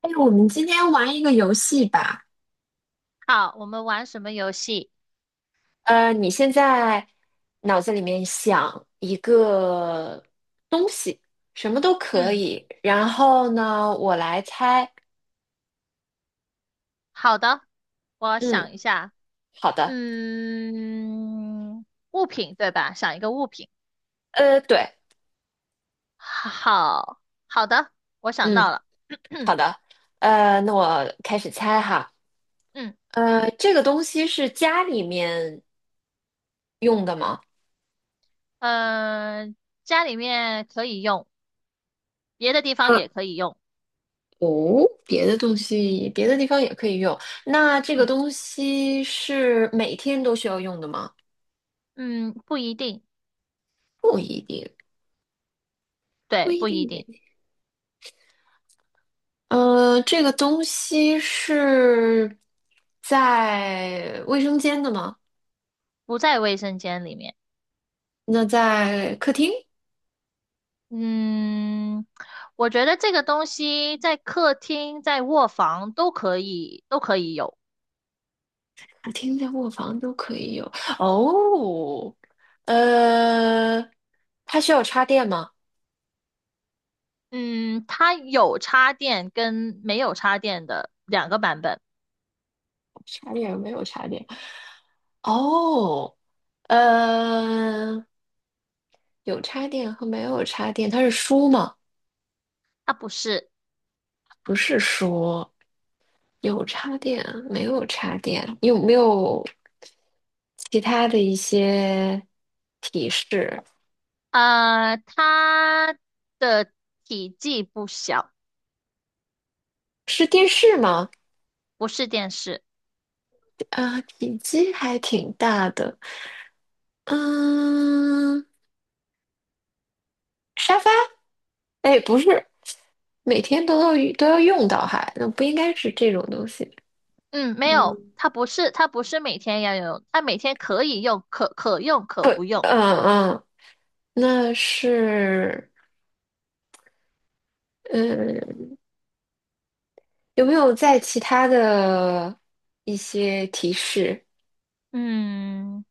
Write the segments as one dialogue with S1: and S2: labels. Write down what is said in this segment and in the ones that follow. S1: 哎，我们今天玩一个游戏吧。
S2: 好，我们玩什么游戏？
S1: 你现在脑子里面想一个东西，什么都可
S2: 嗯，
S1: 以。然后呢，我来猜。
S2: 好的，我想
S1: 嗯，
S2: 一下。
S1: 好的。
S2: 嗯，物品对吧？想一个物品。
S1: 对，
S2: 好，好的，我想到
S1: 嗯，
S2: 了。
S1: 好 的。那我开始猜哈。
S2: 嗯，
S1: 这个东西是家里面用的吗？
S2: 呃，家里面可以用，别的地方
S1: 呃，
S2: 也可以用。
S1: 哦，别的东西，别的地方也可以用。那这个
S2: 嗯
S1: 东西是每天都需要用的吗？
S2: 嗯，不一定。
S1: 不一定。不
S2: 对，
S1: 一
S2: 不
S1: 定
S2: 一
S1: 每
S2: 定。
S1: 天呃，这个东西是在卫生间的吗？
S2: 不在卫生间里面。
S1: 那在客厅、
S2: 嗯，我觉得这个东西在客厅、在卧房都可以，都可以有。
S1: 客厅在卧房都可以有。哦，呃，它需要插电吗？
S2: 嗯，它有插电跟没有插电的两个版本。
S1: 插电没有插电。哦，呃，有插电和没有插电，它是书吗？
S2: 它不是。
S1: 不是书，有插电啊，没有插电，你有没有其他的一些提示？
S2: 它的体积不小，
S1: 是电视吗？
S2: 不是电视。
S1: 啊，体积还挺大的。嗯，沙发？哎，不是，每天都要用到哈，那不应该是这种东西。
S2: 嗯，没有，
S1: 嗯，
S2: 它不是，它不是每天要用，它每天可以用，可用可不用。
S1: 嗯嗯，那是，嗯，有没有在其他的一些提示？
S2: 嗯，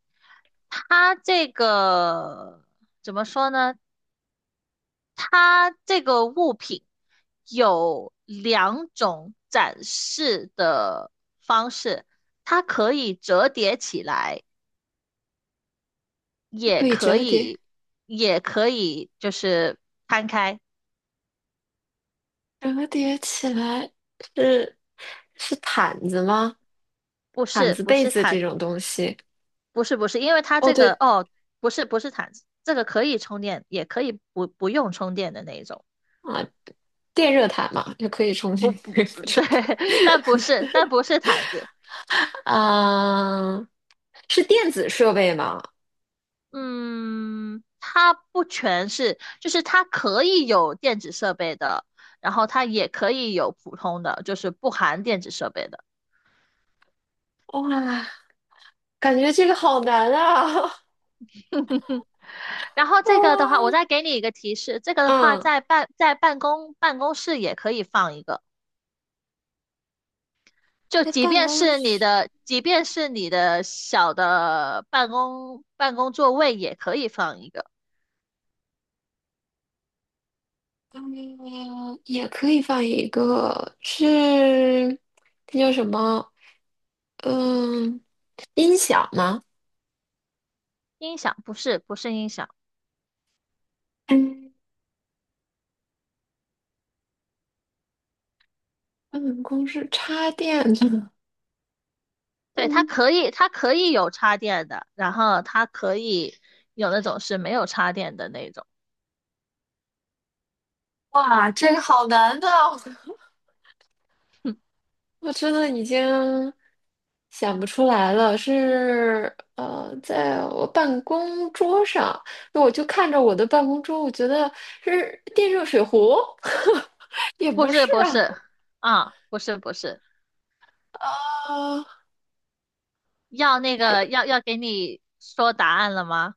S2: 它这个怎么说呢？它这个物品有两种展示的方式，它可以折叠起来，也
S1: 可以
S2: 可
S1: 折叠。
S2: 以，也可以就是摊开。
S1: 折叠起来是是毯子吗？
S2: 不
S1: 毯
S2: 是，
S1: 子、
S2: 不
S1: 被
S2: 是
S1: 子这
S2: 毯。
S1: 种东西。
S2: 不是，不是，因为它
S1: 哦，
S2: 这个
S1: 对
S2: 哦，不是，不是毯子，这个可以充电，也可以不用充电的那一种。
S1: 啊，电热毯嘛，就可以充
S2: 不
S1: 电，
S2: 不，
S1: 可以不 折叠。
S2: 对，但不 是，但不是毯子。
S1: 啊，是电子设备吗？
S2: 嗯，它不全是，就是它可以有电子设备的，然后它也可以有普通的，就是不含电子设备的。
S1: 哇，感觉这个好难啊！
S2: 嗯，然后 这个的话，我
S1: 哦，
S2: 再给你一个提示，这个的话
S1: 嗯，
S2: 在办公室也可以放一个，就
S1: 在
S2: 即
S1: 办
S2: 便
S1: 公
S2: 是
S1: 室，
S2: 你的小的办公座位也可以放一个
S1: 嗯，也可以放一个，是，那叫什么？嗯，音响吗？
S2: 音响，不是不是音响。
S1: 办公室插电的，
S2: 对，它
S1: 嗯，
S2: 可以，它可以有插电的，然后它可以有那种是没有插电的那种。
S1: 哇，这个好难的，我真的已经想不出来了。是在我办公桌上，那我就看着我的办公桌，我觉得是电热水壶，也
S2: 不
S1: 不
S2: 是，
S1: 是
S2: 不
S1: 啊。
S2: 是，不是，不是，
S1: 啊，
S2: 要那个要要给你说答案了吗？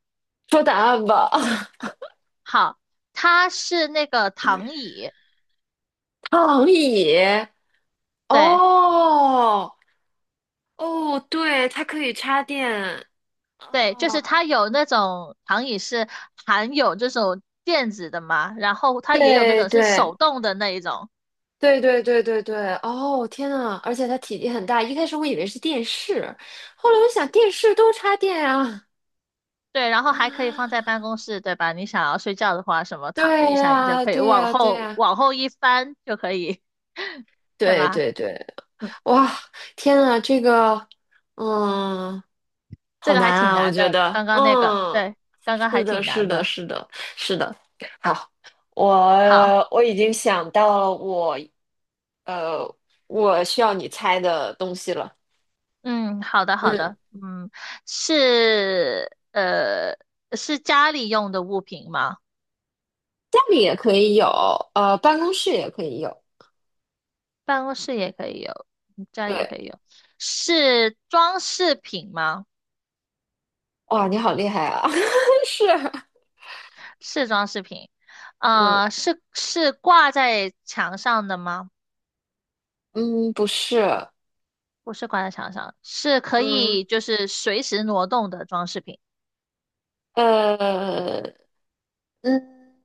S1: 说答案吧，
S2: 好，它是那个躺椅。
S1: 躺椅。
S2: 对
S1: 哦哦，对，它可以插电。
S2: 对，就
S1: 哦，
S2: 是它有那种躺椅是含有这种垫子的嘛，然后它也有那
S1: 对
S2: 种是
S1: 对，
S2: 手动的那一种。
S1: 对对对对对，哦天呐，而且它体积很大，一开始我以为是电视，后来我想电视都插电啊。
S2: 对，然后还可以放在 办公室，对吧？你想要睡觉的话，什么
S1: 对
S2: 躺着一下，你就
S1: 呀，
S2: 可以
S1: 对
S2: 往
S1: 呀，对
S2: 后
S1: 呀，
S2: 往后一翻就可以，对
S1: 对
S2: 吧？
S1: 对对，
S2: 嗯，
S1: 哇，天呐，这个，嗯，
S2: 这
S1: 好
S2: 个
S1: 难
S2: 还挺
S1: 啊，我
S2: 难
S1: 觉
S2: 的，
S1: 得，
S2: 刚刚那个，
S1: 嗯，
S2: 对，刚刚
S1: 是
S2: 还
S1: 的，
S2: 挺
S1: 是
S2: 难
S1: 的，
S2: 的。
S1: 是的，是的，好，
S2: 好，
S1: 我已经想到了我，呃，我需要你猜的东西了，
S2: 嗯，好的，好的。
S1: 嗯。
S2: 嗯，是呃是家里用的物品吗？
S1: 家里也可以有，办公室也可以有。
S2: 办公室也可以有，嗯家里也
S1: 对，
S2: 可以有，是装饰品吗？
S1: 哇，你好厉害啊！是，
S2: 是装饰品。
S1: 嗯
S2: 呃，是挂在墙上的吗？
S1: 嗯，不是，
S2: 不是挂在墙上，是可
S1: 嗯
S2: 以就是随时挪动的装饰品。
S1: 呃嗯，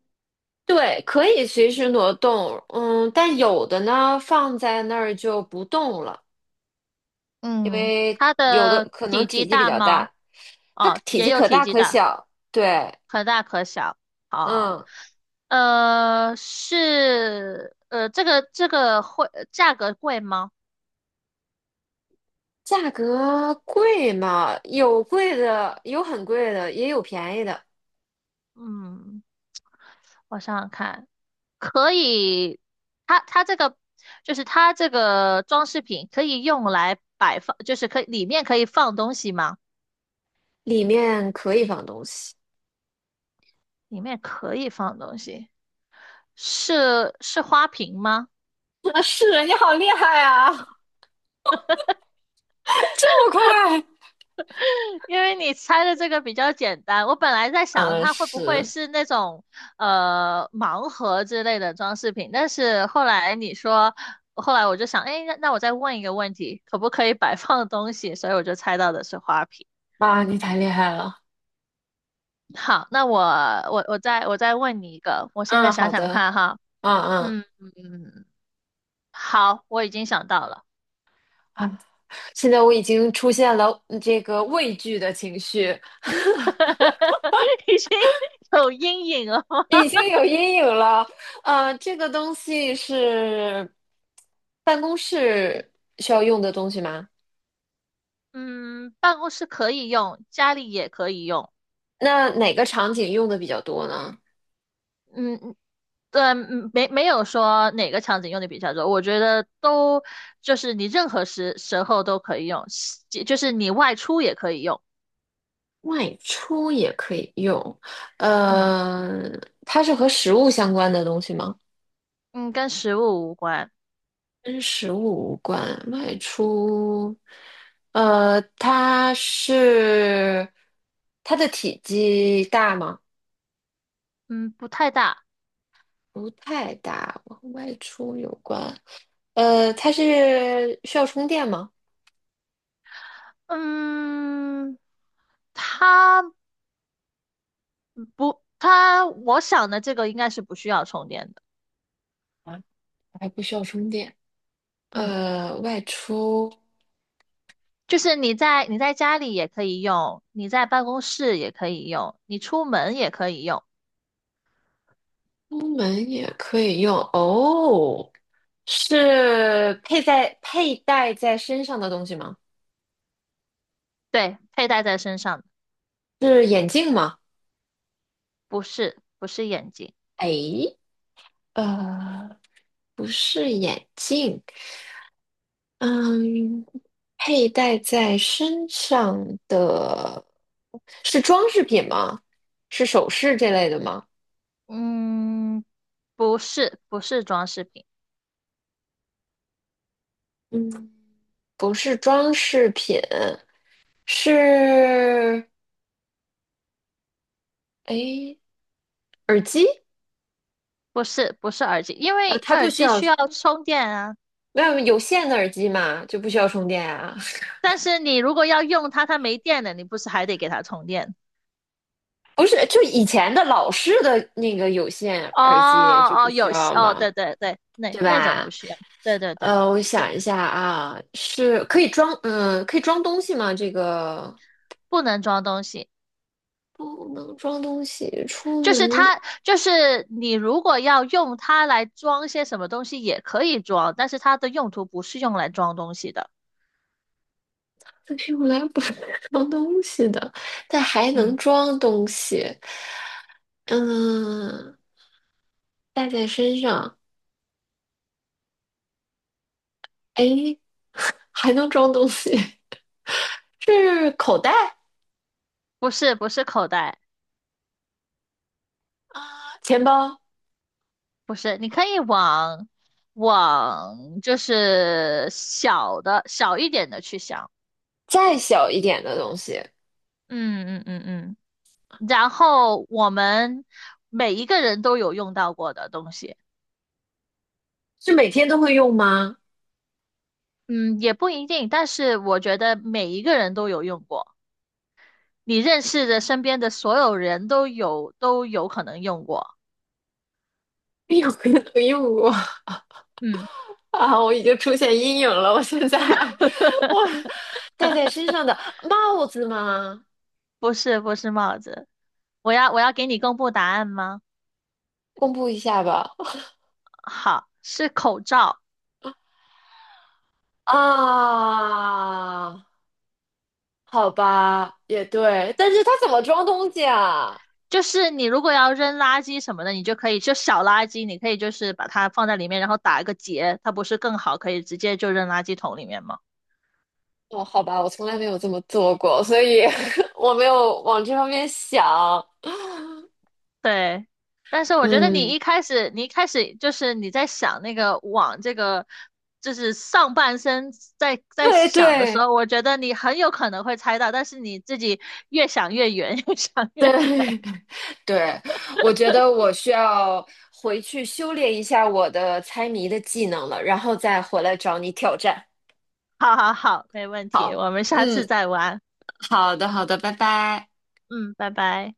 S1: 对，可以随时挪动，嗯，但有的呢放在那儿就不动了，因
S2: 嗯，
S1: 为
S2: 它
S1: 有的
S2: 的
S1: 可能
S2: 体积
S1: 体积比
S2: 大
S1: 较
S2: 吗？
S1: 大，它
S2: 哦，
S1: 体
S2: 也
S1: 积
S2: 有
S1: 可
S2: 体
S1: 大
S2: 积
S1: 可
S2: 大，
S1: 小。对，
S2: 可大可小。哦，
S1: 嗯，
S2: 这个会价格贵吗？
S1: 价格贵嘛，有贵的，有很贵的，也有便宜的。
S2: 嗯，我想想看，可以。它这个就是它这个装饰品可以用来摆放，就是可以里面可以放东西吗？
S1: 里面可以放东西。
S2: 里面可以放东西。是花瓶吗？
S1: 啊，是你好厉害啊！这么快？
S2: 因为你猜的这个比较简单，我本来在想
S1: 嗯，
S2: 它会不会
S1: 是
S2: 是那种盲盒之类的装饰品，但是后来你说，后来我就想，哎，那我再问一个问题，可不可以摆放东西？所以我就猜到的是花瓶。
S1: 啊，你太厉害了。
S2: 好，那我我再问你一个，我现在
S1: 嗯，
S2: 想
S1: 好
S2: 想
S1: 的，
S2: 看哈。
S1: 嗯嗯
S2: 嗯嗯，好，我已经想到了。
S1: 啊，现在我已经出现了这个畏惧的情绪，
S2: 已经有阴影了吗。
S1: 已经有阴影了。这个东西是办公室需要用的东西吗？
S2: 嗯，办公室可以用，家里也可以用。
S1: 那哪个场景用的比较多呢？
S2: 嗯，对，嗯没有说哪个场景用的比较多，我觉得都就是你任何时候都可以用，就是你外出也可以用。
S1: 外出也可以用，
S2: 嗯
S1: 呃，它是和食物相关的东西吗？
S2: 嗯，跟食物无关。
S1: 跟食物无关，外出，呃，它是它的体积大吗？
S2: 嗯，不太大。
S1: 不太大，和外出有关。它是需要充电吗？
S2: 嗯，它不，它我想的这个应该是不需要充电的。
S1: 啊，还不需要充电。
S2: 嗯，
S1: 外出
S2: 就是你在家里也可以用，你在办公室也可以用，你出门也可以用。
S1: 出门也可以用哦，是佩戴在身上的东西吗？
S2: 对，佩戴在身上的。
S1: 是眼镜吗？
S2: 不是，不是眼镜。
S1: 哎，呃。不是眼镜，嗯，佩戴在身上的是装饰品吗？是首饰这类的吗？
S2: 嗯，不是，不是装饰品。
S1: 嗯，不是装饰品，是，诶，耳机？
S2: 不是，不是耳机，因
S1: 啊，
S2: 为
S1: 它不
S2: 耳
S1: 需
S2: 机
S1: 要，
S2: 需要充电啊。
S1: 没有有线的耳机嘛，就不需要充电啊。
S2: 但是你如果要用它，它没电了，你不是还得给它充电？
S1: 不是，就以前的老式的那个有线
S2: 哦
S1: 耳机就不
S2: 哦，
S1: 需
S2: 有
S1: 要
S2: 哦，
S1: 嘛，
S2: 对对对，那
S1: 对
S2: 那种
S1: 吧？
S2: 不需要，对对对
S1: 我
S2: 对，
S1: 想一下啊，是可以装，嗯，可以装东西吗？这个
S2: 不能装东西。
S1: 不能装东西，
S2: 就是它，就是你如果要用它来装些什么东西也可以装，但是它的用途不是用来装东西的。
S1: 但是用来不是 装东西的，但还能
S2: 嗯，
S1: 装东西，嗯，带在身上，哎，还能装东西，是口袋
S2: 不是不是口袋。
S1: 啊，钱包，
S2: 不是，你可以往就是小一点的去想。
S1: 再小一点的东西，
S2: 嗯嗯嗯嗯然后我们每一个人都有用到过的东西。
S1: 是每天都会用吗？
S2: 嗯，也不一定，但是我觉得每一个人都有用过，你认识的身边的所有人都有可能用过。
S1: 每天都会用过，
S2: 嗯，
S1: 啊，我已经出现阴影了，我现在 我戴在身上的帽子吗？
S2: 不是不是帽子。我要给你公布答案吗？
S1: 公布一下吧。
S2: 好，是口罩。
S1: 啊，好吧，也对，但是它怎么装东西啊？
S2: 就是你如果要扔垃圾什么的，你就可以就小垃圾，你可以就是把它放在里面，然后打一个结，它不是更好，可以直接就扔垃圾桶里面吗？
S1: 哦，好吧，我从来没有这么做过，所以 我没有往这方面想。
S2: 对。但是我觉得
S1: 嗯，
S2: 你一开始就是你在想那个往这个，就是上半身在
S1: 对
S2: 想的时
S1: 对，
S2: 候，我觉得你很有可能会猜到，但是你自己越想越远，越想越
S1: 对，
S2: 远。
S1: 对，我觉得我需要回去修炼一下我的猜谜的技能了，然后再回来找你挑战。
S2: 好好好，没问题，我们下次
S1: 嗯，
S2: 再玩。
S1: 好的，好的，拜拜。
S2: 嗯，拜拜。